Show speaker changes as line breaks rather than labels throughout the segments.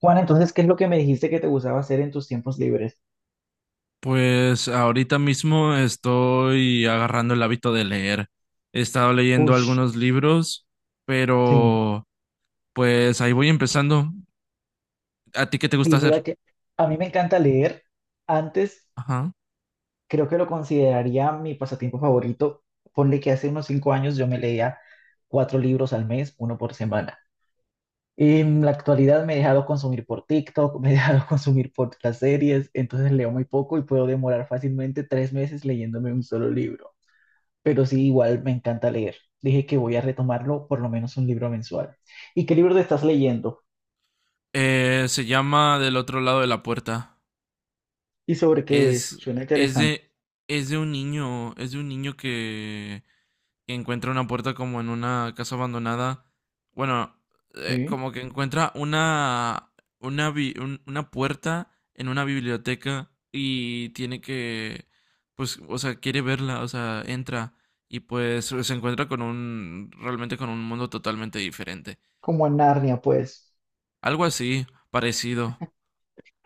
Juan, entonces, ¿qué es lo que me dijiste que te gustaba hacer en tus tiempos libres?
Pues ahorita mismo estoy agarrando el hábito de leer. He estado leyendo
Ush,
algunos libros,
sí.
pero pues ahí voy empezando. ¿A ti qué te
Sí,
gusta
mira
hacer?
que a mí me encanta leer. Antes
Ajá.
creo que lo consideraría mi pasatiempo favorito. Ponle que hace unos 5 años yo me leía cuatro libros al mes, uno por semana. En la actualidad me he dejado consumir por TikTok, me he dejado consumir por las series, entonces leo muy poco y puedo demorar fácilmente 3 meses leyéndome un solo libro. Pero sí, igual me encanta leer. Dije que voy a retomarlo por lo menos un libro mensual. ¿Y qué libro te estás leyendo?
Se llama Del otro lado de la puerta.
¿Y sobre qué es?
Es,
Suena
es
interesante.
de, es de un niño, es de un niño que y encuentra una puerta como en una casa abandonada. Bueno,
Sí,
como que encuentra una, una puerta en una biblioteca y tiene que, pues, o sea, quiere verla, o sea, entra y pues se encuentra con un, realmente con un mundo totalmente diferente.
como en Narnia, pues.
Algo así, parecido.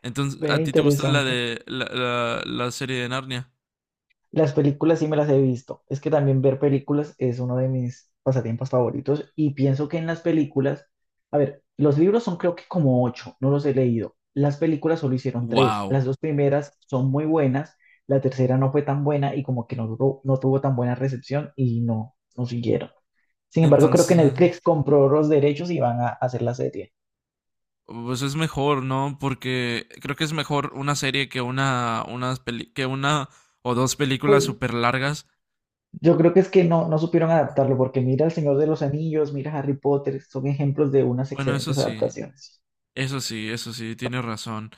Entonces,
Ve
¿a ti te gusta
interesante.
la serie de Narnia?
Las películas sí me las he visto. Es que también ver películas es uno de mis pasatiempos favoritos y pienso que en las películas, a ver, los libros son creo que como ocho, no los he leído. Las películas solo hicieron tres.
Wow.
Las dos primeras son muy buenas, la tercera no fue tan buena y como que no, no tuvo tan buena recepción y no siguieron. Sin embargo, creo que
Entonces,
Netflix compró los derechos y van a hacer la serie.
pues es mejor, ¿no? Porque creo que es mejor una serie que que una o dos
Pues
películas súper largas.
yo creo que es que no supieron adaptarlo, porque mira El Señor de los Anillos, mira Harry Potter, son ejemplos de unas
Bueno, eso
excelentes
sí,
adaptaciones.
eso sí, tienes razón.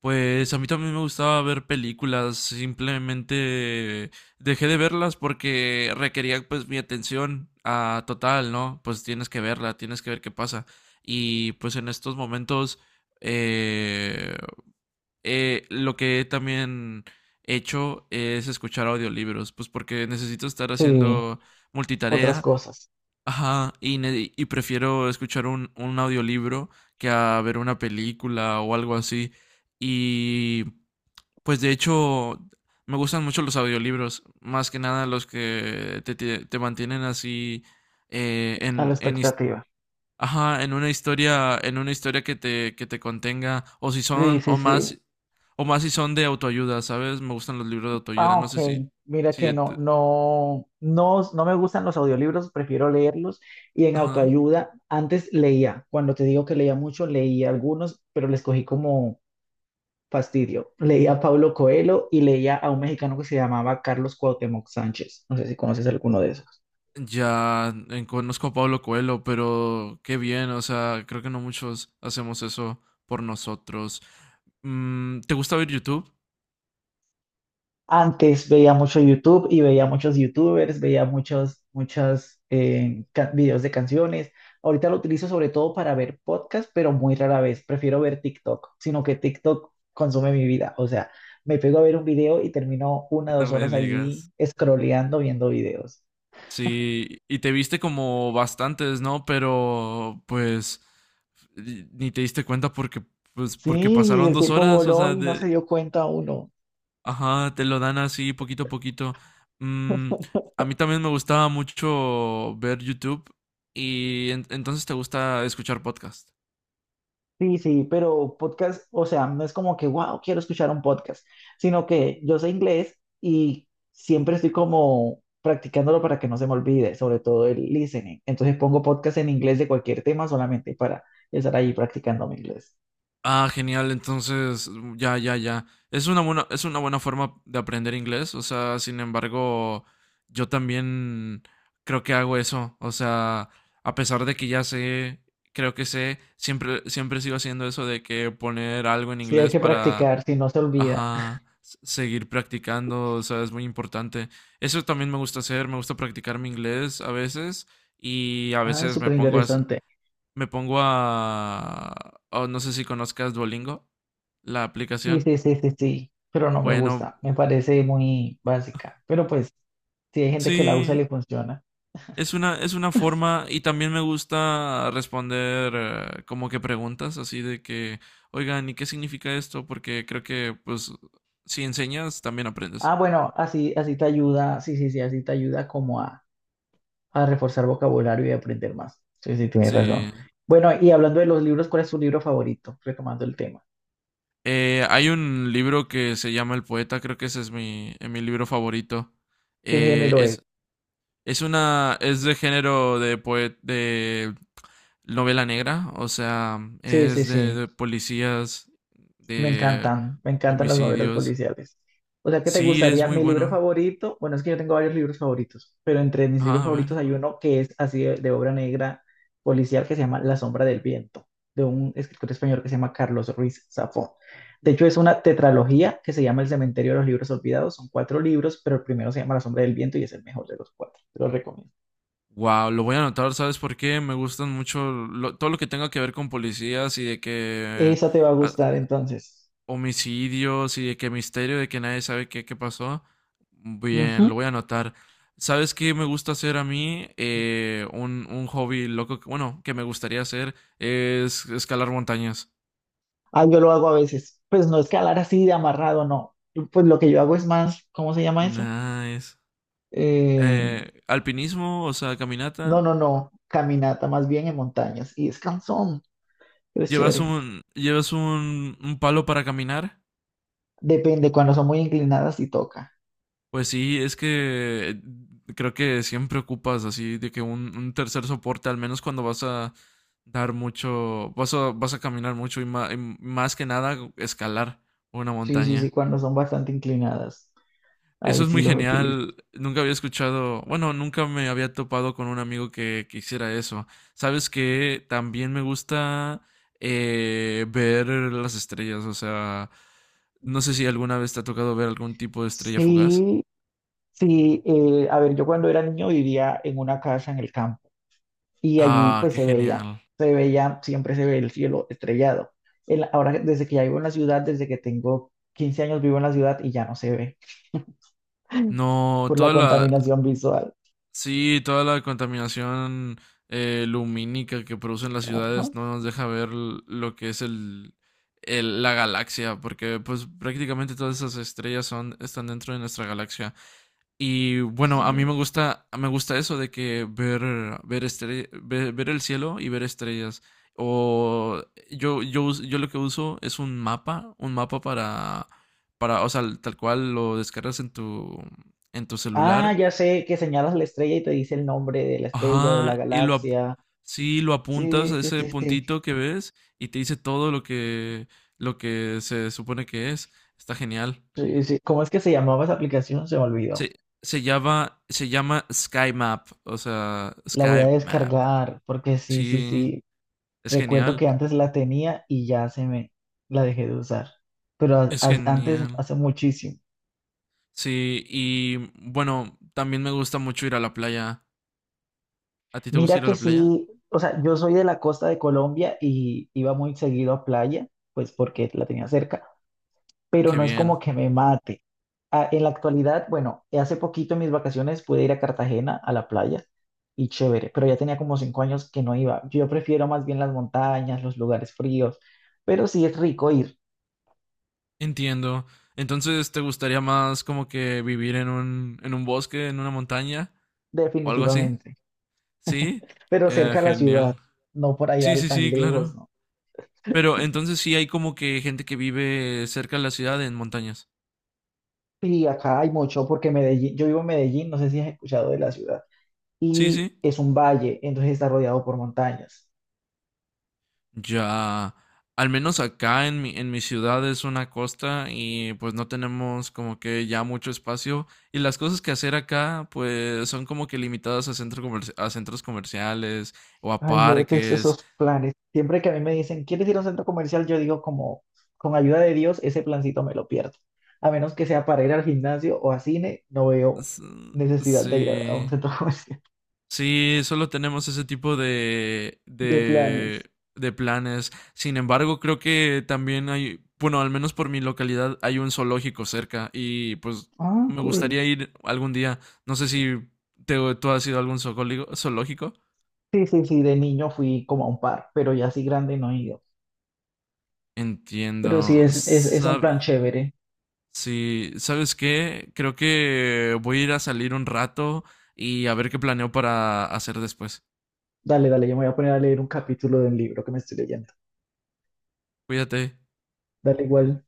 Pues a mí también me gustaba ver películas, simplemente dejé de verlas porque requería pues mi atención a total, ¿no? Pues tienes que verla, tienes que ver qué pasa. Y pues en estos momentos, eh, lo que he también hecho es escuchar audiolibros, pues porque necesito estar
Sí,
haciendo
otras
multitarea,
cosas,
ajá, y prefiero escuchar un audiolibro que a ver una película o algo así. Y pues de hecho me gustan mucho los audiolibros, más que nada los que te mantienen así eh,
a la
en, en, his-
expectativa.
ajá, en una historia que te contenga, o si
Sí,
son,
sí, sí.
o más si son de autoayuda, ¿sabes? Me gustan los libros de autoayuda,
Ah,
no
ok.
sé si,
Mira
si,
que
et-
no, no, no, no me gustan los audiolibros, prefiero leerlos. Y en
ajá.
autoayuda, antes leía, cuando te digo que leía mucho, leía algunos, pero les cogí como fastidio. Leía a Pablo Coelho y leía a un mexicano que se llamaba Carlos Cuauhtémoc Sánchez. No sé si conoces alguno de esos.
Ya, conozco a Pablo Coelho, pero qué bien, o sea, creo que no muchos hacemos eso por nosotros. Mm, ¿te gusta ver YouTube?
Antes veía mucho YouTube y veía muchos YouTubers, veía muchos, muchos videos de canciones. Ahorita lo utilizo sobre todo para ver podcasts, pero muy rara vez. Prefiero ver TikTok, sino que TikTok consume mi vida. O sea, me pego a ver un video y termino una
No
dos
me
horas allí
digas.
scrolleando, viendo videos.
Sí, y te viste como bastantes, ¿no? Pero pues ni te diste cuenta porque, pues, porque
Sí,
pasaron
el
dos
tiempo
horas, o
voló
sea,
y no se
de,
dio cuenta uno.
ajá, te lo dan así poquito a poquito. Mm, a mí también me gustaba mucho ver YouTube y entonces te gusta escuchar podcast.
Sí, sí, pero podcast, o sea, no es como que, wow, quiero escuchar un podcast, sino que yo sé inglés y siempre estoy como practicándolo para que no se me olvide, sobre todo el listening. Entonces pongo podcast en inglés de cualquier tema solamente para estar ahí practicando mi inglés.
Ah, genial. Entonces, ya, ya. Es una buena forma de aprender inglés. O sea, sin embargo, yo también creo que hago eso. O sea, a pesar de que ya sé, creo que sé, siempre, siempre sigo haciendo eso de que poner algo en
Sí, hay
inglés
que
para,
practicar, si no se olvida.
ajá, seguir practicando. O sea, es muy importante. Eso también me gusta hacer. Me gusta practicar mi inglés a veces y a
Ah, es
veces
súper interesante.
me pongo a... Oh, no sé si conozcas Duolingo, la
Sí,
aplicación.
sí, sí, sí, sí, pero no me
Bueno,
gusta, me parece muy básica, pero pues si hay gente que la usa y
sí,
le funciona.
es una forma y también me gusta responder como que preguntas así de que, oigan, ¿y qué significa esto? Porque creo que pues si enseñas también
Ah,
aprendes.
bueno, así, así te ayuda, sí, sí, sí, así te ayuda como a reforzar vocabulario y aprender más. Sí, sí, tienes razón.
Sí.
Bueno, y hablando de los libros, ¿cuál es tu libro favorito? Retomando el tema.
Hay un libro que se llama El Poeta, creo que ese es mi, mi libro favorito.
¿Qué
Eh,
género es?
es, Es una, es de de novela negra, o sea,
Sí, sí,
es
sí.
de policías, de
Me encantan las novelas
homicidios.
policiales. O sea, ¿qué te
Sí, es
gustaría?
muy
Mi libro
bueno.
favorito, bueno, es que yo tengo varios libros favoritos, pero entre mis libros
Ajá, a ver.
favoritos hay uno que es así de obra negra policial que se llama La sombra del viento, de un escritor español que se llama Carlos Ruiz Zafón. De hecho, es una tetralogía que se llama El cementerio de los libros olvidados. Son cuatro libros, pero el primero se llama La sombra del viento y es el mejor de los cuatro. Te lo recomiendo.
Wow, lo voy a anotar, ¿sabes por qué? Me gustan mucho todo lo que tenga que ver con policías y de que
Esa te va a
ah,
gustar entonces.
homicidios y de que misterio, de que nadie sabe qué, qué pasó. Bien,
Ujú.
lo voy a anotar. ¿Sabes qué me gusta hacer a mí? Un hobby loco, bueno, que me gustaría hacer es escalar montañas.
Ah, yo lo hago a veces. Pues no es que hablar así de amarrado, no. Pues lo que yo hago es más, ¿cómo se llama eso?
Nice.
Eh,
Alpinismo, o sea,
no,
caminata.
no, no. Caminata más bien en montañas. Y es cansón, pero es
¿Llevas
chévere.
un, un palo para caminar?
Depende, cuando son muy inclinadas sí toca.
Pues sí, es que creo que siempre ocupas así de que un tercer soporte, al menos cuando vas a dar mucho, vas a caminar mucho y más que nada escalar una
Sí, sí, sí,
montaña.
cuando son bastante inclinadas.
Eso
Ahí
es
sí
muy
los utilizo.
genial. Nunca había escuchado, bueno, nunca me había topado con un amigo que hiciera eso. Sabes que también me gusta ver las estrellas, o sea, no sé si alguna vez te ha tocado ver algún tipo de estrella fugaz.
Sí, sí. A ver, yo cuando era niño vivía en una casa en el campo. Y allí
Ah,
pues
qué
se veía,
genial.
se veía, siempre se ve el cielo estrellado. Ahora, desde que ya vivo en la ciudad, desde que tengo 15 años vivo en la ciudad y ya no se ve
No,
por la
toda la,
contaminación visual.
sí, toda la contaminación lumínica que producen las
Ajá,
ciudades no nos deja ver lo que es el, la galaxia, porque pues prácticamente todas esas estrellas son, están dentro de nuestra galaxia. Y bueno, a mí
sí.
me gusta eso de que ver, ver el cielo y ver estrellas. O yo lo que uso es un mapa para, o sea, tal cual lo descargas en tu
Ah,
celular.
ya sé que señalas la estrella y te dice el nombre de la estrella o de la
Ajá,
galaxia.
sí, lo apuntas
Sí,
a
sí,
ese
sí, sí.
puntito que ves y te dice todo lo que se supone que es. Está genial.
Sí, sí. ¿Cómo es que se llamaba esa aplicación? Se me olvidó.
Se, Se llama Sky Map, o sea,
La voy a
Sky Map.
descargar porque sí, sí,
Sí,
sí.
es
Recuerdo
genial,
que antes la tenía y ya se me la dejé de usar, pero
es
antes
genial.
hace muchísimo.
Sí, y bueno, también me gusta mucho ir a la playa. ¿A ti te gusta
Mira
ir a
que
la playa?
sí, o sea, yo soy de la costa de Colombia y iba muy seguido a playa, pues porque la tenía cerca, pero
Qué
no es como
bien,
que me mate. Ah, en la actualidad, bueno, hace poquito en mis vacaciones pude ir a Cartagena a la playa y chévere, pero ya tenía como 5 años que no iba. Yo prefiero más bien las montañas, los lugares fríos, pero sí es rico ir,
entiendo. Entonces, ¿te gustaría más como que vivir en un bosque, en una montaña o algo así?
definitivamente.
Sí,
Pero cerca de la ciudad,
genial.
no por allá
Sí, sí,
tan
sí,
lejos,
claro.
¿no?
Pero entonces sí hay como que gente que vive cerca de la ciudad en montañas.
Y acá hay mucho, porque Medellín, yo vivo en Medellín, no sé si has escuchado de la ciudad,
Sí,
y
sí.
es un valle, entonces está rodeado por montañas.
Ya. Al menos acá en mi ciudad es una costa y pues no tenemos como que ya mucho espacio. Y las cosas que hacer acá pues son como que limitadas a centros comerciales o a
Ay, yo detesto
parques.
esos planes. Siempre que a mí me dicen, ¿quieres ir a un centro comercial? Yo digo como, con ayuda de Dios, ese plancito me lo pierdo. A menos que sea para ir al gimnasio o a cine, no veo
S-
necesidad de ir a un
sí.
centro comercial
Sí, solo tenemos ese tipo
de planes.
de planes. Sin embargo, creo que también hay, bueno, al menos por mi localidad hay un zoológico cerca y pues
Ah,
me
cool.
gustaría ir algún día. No sé si tú has ido a algún zoológico.
Sí, sí, sí, de niño fui como a un par, pero ya así grande no he ido. Pero sí,
Entiendo.
es un plan
Sab-
chévere.
sí, ¿sabes qué? Creo que voy a ir a salir un rato y a ver qué planeo para hacer después.
Dale, dale, yo me voy a poner a leer un capítulo del libro que me estoy leyendo.
Cuídate.
Dale, igual